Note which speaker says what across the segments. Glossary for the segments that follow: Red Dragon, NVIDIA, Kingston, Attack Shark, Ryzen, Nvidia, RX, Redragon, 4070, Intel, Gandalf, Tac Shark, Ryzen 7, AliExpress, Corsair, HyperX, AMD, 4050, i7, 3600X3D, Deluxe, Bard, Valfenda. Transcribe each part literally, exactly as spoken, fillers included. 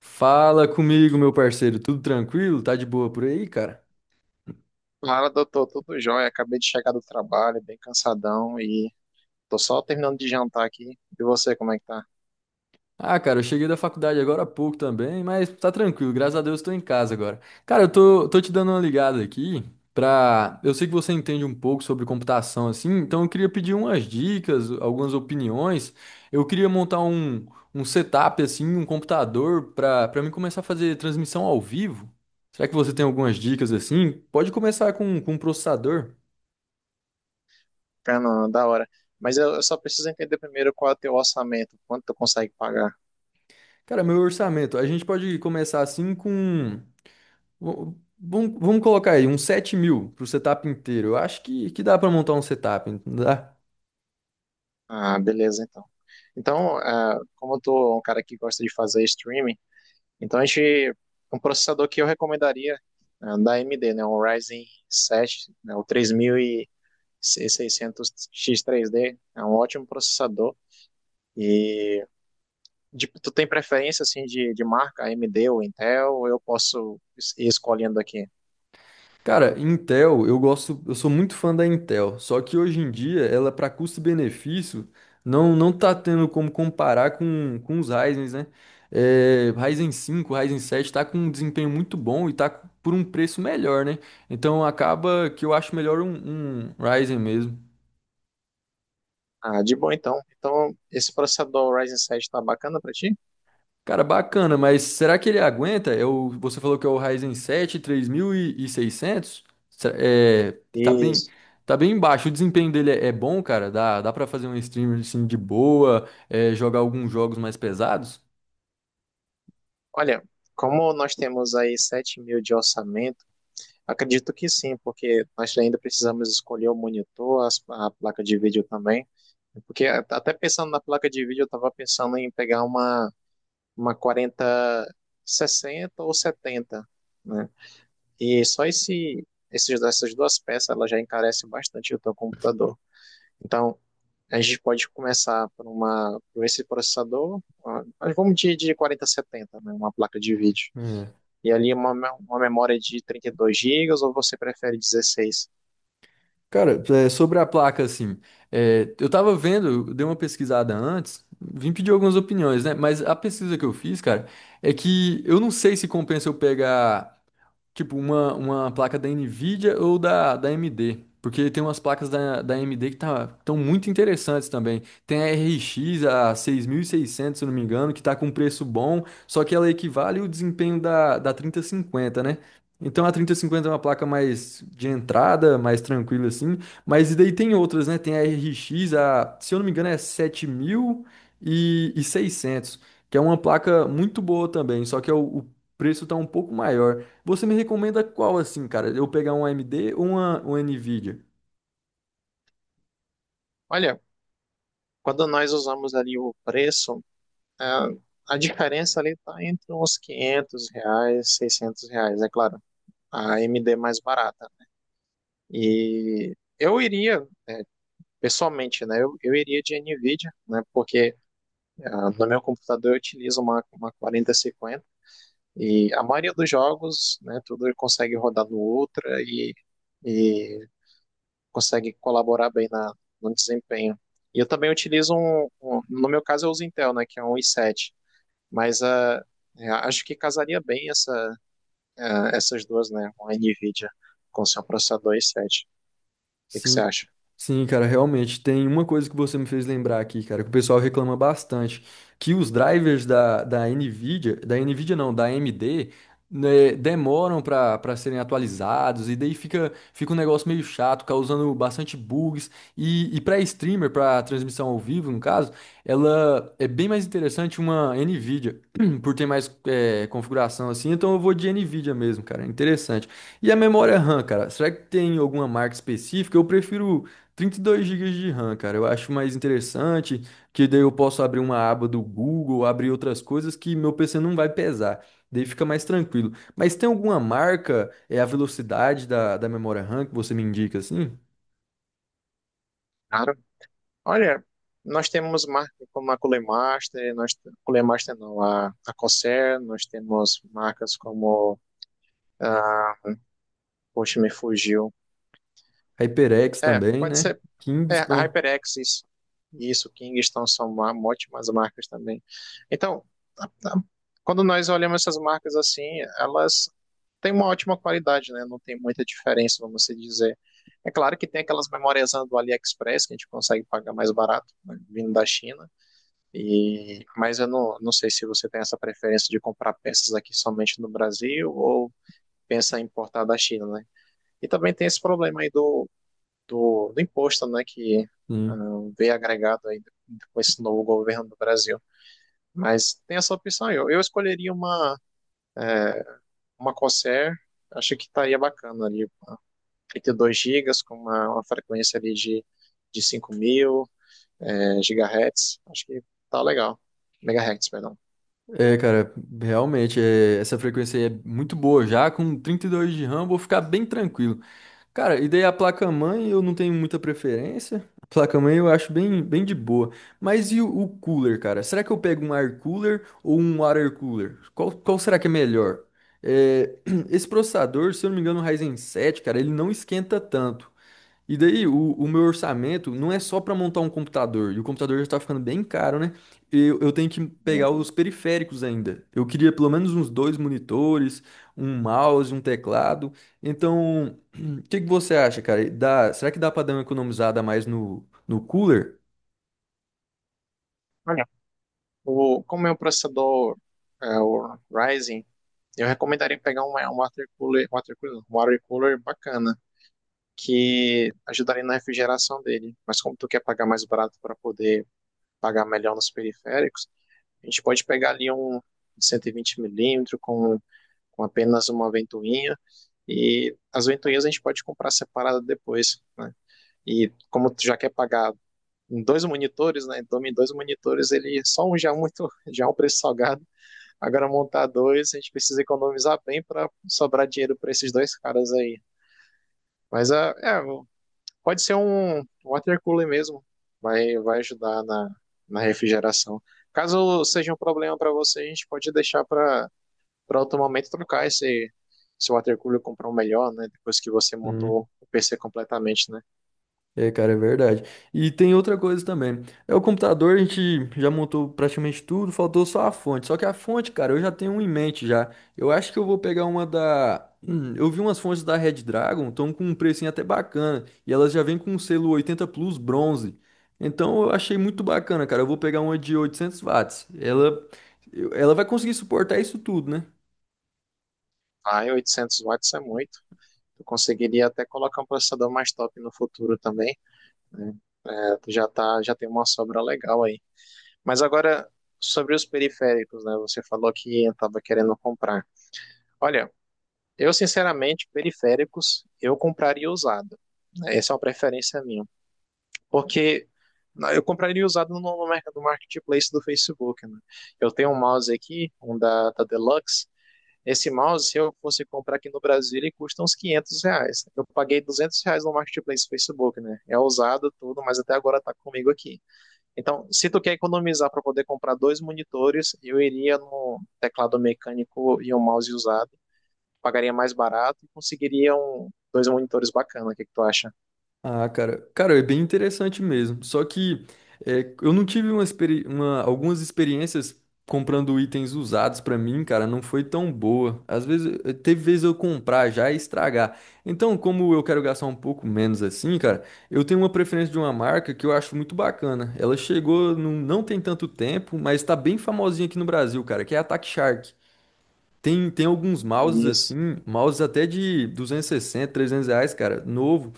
Speaker 1: Fala comigo, meu parceiro. Tudo tranquilo? Tá de boa por aí, cara?
Speaker 2: Fala, doutor, tudo jóia? Acabei de chegar do trabalho, bem cansadão e tô só terminando de jantar aqui. E você, como é que tá?
Speaker 1: Ah, cara, eu cheguei da faculdade agora há pouco também, mas tá tranquilo, graças a Deus tô em casa agora. Cara, eu tô, tô te dando uma ligada aqui pra. Eu sei que você entende um pouco sobre computação, assim, então eu queria pedir umas dicas, algumas opiniões. Eu queria montar um, um setup, assim, um computador pra, pra mim começar a fazer transmissão ao vivo. Será que você tem algumas dicas assim? Pode começar com, com um processador.
Speaker 2: Fernando, da hora. Mas eu, eu só preciso entender primeiro qual é o teu orçamento, quanto tu consegue pagar.
Speaker 1: Cara, meu orçamento, a gente pode começar assim com. v- Vamos, vamos colocar aí uns sete mil pro setup inteiro. Eu acho que, que dá pra montar um setup, não dá?
Speaker 2: Ah, beleza, então. Então, ah, como eu tô um cara que gosta de fazer streaming, então a gente, um processador que eu recomendaria, ah, da A M D, né? Um Ryzen sete, né? O 3600X3D, é um ótimo processador. e De- tu tem preferência assim de, de marca A M D ou Intel? Ou eu posso es- ir escolhendo aqui?
Speaker 1: Cara, Intel, eu gosto, eu sou muito fã da Intel, só que hoje em dia ela, para custo-benefício, não, não tá tendo como comparar com, com os Ryzens, né? É, Ryzen cinco, Ryzen sete tá com um desempenho muito bom e tá por um preço melhor, né? Então acaba que eu acho melhor um, um Ryzen mesmo.
Speaker 2: Ah, de boa então. Então, esse processador Ryzen sete está bacana para ti?
Speaker 1: Cara, bacana, mas será que ele aguenta? Eu, você falou que é o Ryzen sete três mil e seiscentos? Será- É, tá bem,
Speaker 2: Isso.
Speaker 1: tá bem baixo. O desempenho dele é, é bom, cara. Dá, dá para fazer um streamer assim de boa, é, jogar alguns jogos mais pesados?
Speaker 2: Olha, como nós temos aí sete mil de orçamento, acredito que sim, porque nós ainda precisamos escolher o monitor, as- a placa de vídeo também. Porque a- até pensando na placa de vídeo, eu estava pensando em pegar uma, uma quarenta, sessenta ou setenta, né? E só esse, esses, essas duas peças ela já encarece bastante o teu computador. Então, a gente pode começar por, uma, por esse processador, ah, mas vamos de, de quarenta setenta, né, uma placa de vídeo.
Speaker 1: É.
Speaker 2: E ali uma, me- uma memória de trinta e dois gigas ou você prefere dezesseis.
Speaker 1: Cara, é, sobre a placa, assim, é, eu tava vendo, eu dei uma pesquisada antes, vim pedir algumas opiniões, né? Mas a pesquisa que eu fiz, cara, é que eu não sei se compensa eu pegar. Tipo, uma, uma placa da Nvidia ou da, da A M D. Porque tem umas placas da, da A M D que tá, estão muito interessantes também. Tem a R X, a seis mil e seiscentos se eu não me engano, que tá com um preço bom, só que ela equivale o desempenho da, da trinta e cinquenta, né? Então a trinta e cinquenta é uma placa mais de entrada, mais tranquila assim. Mas e daí tem outras, né? Tem a R X, a, se eu não me engano, é sete mil e seiscentos, que é uma placa muito boa também, só que é o o preço tá um pouco maior. Você me recomenda qual assim, cara? Eu pegar um A M D ou uma, uma Nvidia?
Speaker 2: Olha, quando nós usamos ali o preço, ah, a diferença ali está entre uns quinhentos reais, seiscentos reais, é claro. A AMD mais barata. E eu iria pessoalmente, né? Eu, eu iria de NVIDIA, né? Porque ah, no meu computador eu utilizo uma, uma quarenta cinquenta e a maioria dos jogos, né? Tudo consegue rodar no Ultra e, e consegue colaborar bem na, no desempenho. E eu também utilizo um, um- no meu caso eu uso Intel, né? Que é um i sete, mas ah, é, acho que casaria bem essa, ah, essas duas, né? Uma NVIDIA com seu processador i sete. O que que você
Speaker 1: Sim,
Speaker 2: acha?
Speaker 1: sim, cara, realmente. Tem uma coisa que você me fez lembrar aqui, cara, que o pessoal reclama bastante, que os drivers da, da NVIDIA, da NVIDIA não, da A M D, né, demoram para para serem atualizados, e daí fica, fica um negócio meio chato, causando bastante bugs. E, e para streamer, para transmissão ao vivo, no caso, ela é bem mais interessante uma NVIDIA, por ter mais eh, configuração assim, então eu vou de NVIDIA mesmo, cara. É interessante. E a memória RAM, cara? Será que tem alguma marca específica? Eu prefiro trinta e dois gigas de RAM, cara. Eu acho mais interessante, que daí eu posso abrir uma aba do Google, abrir outras coisas que meu P C não vai pesar. Daí fica mais tranquilo. Mas tem alguma marca, é a velocidade da, da memória RAM que você me indica, assim?
Speaker 2: Claro. Olha, nós temos marcas como a Culemaster, nós Culemaster não, a, a Corsair, nós temos marcas como a, poxa, me fugiu.
Speaker 1: HyperX
Speaker 2: É,
Speaker 1: também,
Speaker 2: pode
Speaker 1: né?
Speaker 2: ser é, a
Speaker 1: Kingston.
Speaker 2: HyperX, isso, isso, Kingston são ma- ótimas marcas também. Então, a- a- quando nós olhamos essas marcas assim, elas têm uma ótima qualidade, né? Não tem muita diferença, vamos se dizer. É claro que tem aquelas memórias do AliExpress que a gente consegue pagar mais barato, né, vindo da China. E, mas eu não, não sei se você tem essa preferência de comprar peças aqui somente no Brasil ou pensa em importar da China, né? E também tem esse problema aí do, do, do imposto, né? Que ah, veio agregado aí com esse novo governo do Brasil. Mas tem essa opção aí. Eu, eu escolheria uma, uma Corsair, acho que estaria bacana ali. Trinta e dois gigas com uma, uma frequência ali de, de cinco mil, é, gigahertz. Acho que tá legal. Megahertz, perdão.
Speaker 1: É, cara, realmente, é, essa frequência aí é muito boa já. Com trinta e dois de RAM, vou ficar bem tranquilo. Cara, e daí a placa-mãe eu não tenho muita preferência. A placa-mãe eu acho bem, bem de boa. Mas e o, o cooler, cara? Será que eu pego um air cooler ou um water cooler? Qual, qual será que é melhor? É, esse processador, se eu não me engano, o Ryzen sete, cara, ele não esquenta tanto. E daí, o, o meu orçamento não é só para montar um computador, e o computador já tá ficando bem caro, né? Eu, eu tenho que
Speaker 2: Hum.
Speaker 1: pegar os periféricos ainda. Eu queria pelo menos uns dois monitores, um mouse, um teclado. Então, o que que você acha, cara? Dá, será que dá para dar uma economizada a mais no, no cooler?
Speaker 2: O, como meu processador é o Ryzen, eu recomendaria pegar um, um water cooler, water cooler, não, um water cooler bacana, que ajudaria na refrigeração dele. Mas como tu quer pagar mais barato para poder pagar melhor nos periféricos, a gente pode pegar ali um cento e vinte milímetros com, com apenas uma ventoinha. E as ventoinhas a gente pode comprar separada depois, né? E como tu já quer pagar em dois monitores, né? Então, em dois monitores, ele só um já é muito, já é um preço salgado. Agora montar dois, a gente precisa economizar bem para sobrar dinheiro para esses dois caras aí. Mas é, é, pode ser um um water cooler mesmo, vai, vai ajudar na, na refrigeração. Caso seja um problema para você, a gente pode deixar para para outro momento trocar esse, esse water cooler, comprar um melhor, né? Depois que você montou o P C completamente, né?
Speaker 1: É, cara, é verdade. E tem outra coisa também. É o computador, a gente já montou praticamente tudo, faltou só a fonte. Só que a fonte, cara, eu já tenho uma em mente já. Eu acho que eu vou pegar uma da. Hum, eu vi umas fontes da Red Dragon, estão com um precinho até bacana. E elas já vêm com um selo oitenta Plus bronze. Então eu achei muito bacana, cara. Eu vou pegar uma de oitocentos watts. Ela, eu- ela vai conseguir suportar isso tudo, né?
Speaker 2: Ah, oitocentos watts é muito. Tu conseguiria até colocar um processador mais top no futuro também, né? É, tu já tá, já tem uma sobra legal aí. Mas agora, sobre os periféricos, né? Você falou que estava querendo comprar. Olha, eu sinceramente, periféricos, eu compraria usado. Né? Essa é uma preferência minha. Porque na- eu compraria usado no, no merc- no marketplace do Facebook, né? Eu tenho um mouse aqui, um da, da Deluxe. Esse mouse, se eu fosse comprar aqui no Brasil, ele custa uns quinhentos reais. Eu paguei duzentos reais no marketplace do Facebook, né? É usado tudo, mas até agora tá comigo aqui. Então, se tu quer economizar para poder comprar dois monitores, eu iria no teclado mecânico e um mouse usado. Pagaria mais barato e conseguiria um- dois monitores bacana. O que que tu acha?
Speaker 1: Ah, cara, cara, é bem interessante mesmo. Só que é, eu não tive uma, experi- uma- algumas experiências comprando itens usados pra mim, cara, não foi tão boa. Às vezes, eh, teve vezes eu comprar já e estragar. Então, como eu quero gastar um pouco menos assim, cara, eu tenho uma preferência de uma marca que eu acho muito bacana. Ela chegou num- não tem tanto tempo, mas tá bem famosinha aqui no Brasil, cara, que é a Attack Shark. Tem, tem alguns mouses
Speaker 2: Isso.
Speaker 1: assim, mouses até de duzentos e sessenta, trezentos reais, cara, novo.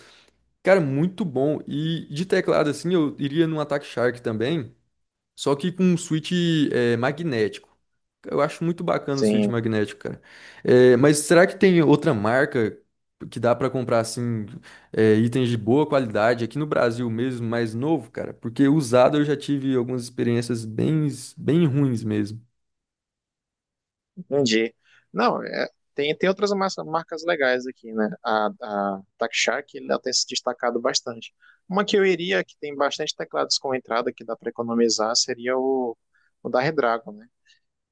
Speaker 1: Cara, muito bom. E de teclado, assim, eu iria num Attack Shark também, só que com um switch é, magnético. Eu acho muito bacana o switch
Speaker 2: Sim,
Speaker 1: magnético, cara. É, mas será que tem outra marca que dá pra comprar, assim, é, itens de boa qualidade aqui no Brasil mesmo, mais novo, cara? Porque usado eu já tive algumas experiências bem, bem ruins mesmo.
Speaker 2: entendi. Não, é, tem, tem outras mas- marcas legais aqui, né? A, a Tac Shark, ela tem se destacado bastante. Uma que eu iria, que tem bastante teclados com entrada, que dá para economizar, seria o, o da Redragon, né?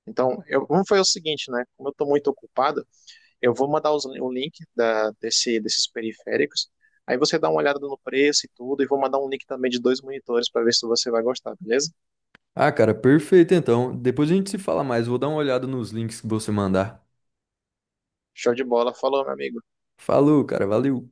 Speaker 2: Então, eu, como foi o seguinte, né? Como eu estou muito ocupado, eu vou mandar os- o link da- desse, desses periféricos. Aí você dá uma olhada no preço e tudo, e vou mandar um link também de dois monitores para ver se você vai gostar, beleza?
Speaker 1: Ah, cara, perfeito então. Depois a gente se fala mais. Vou dar uma olhada nos links que você mandar.
Speaker 2: Show de bola. Falou, meu amigo.
Speaker 1: Falou, cara, valeu.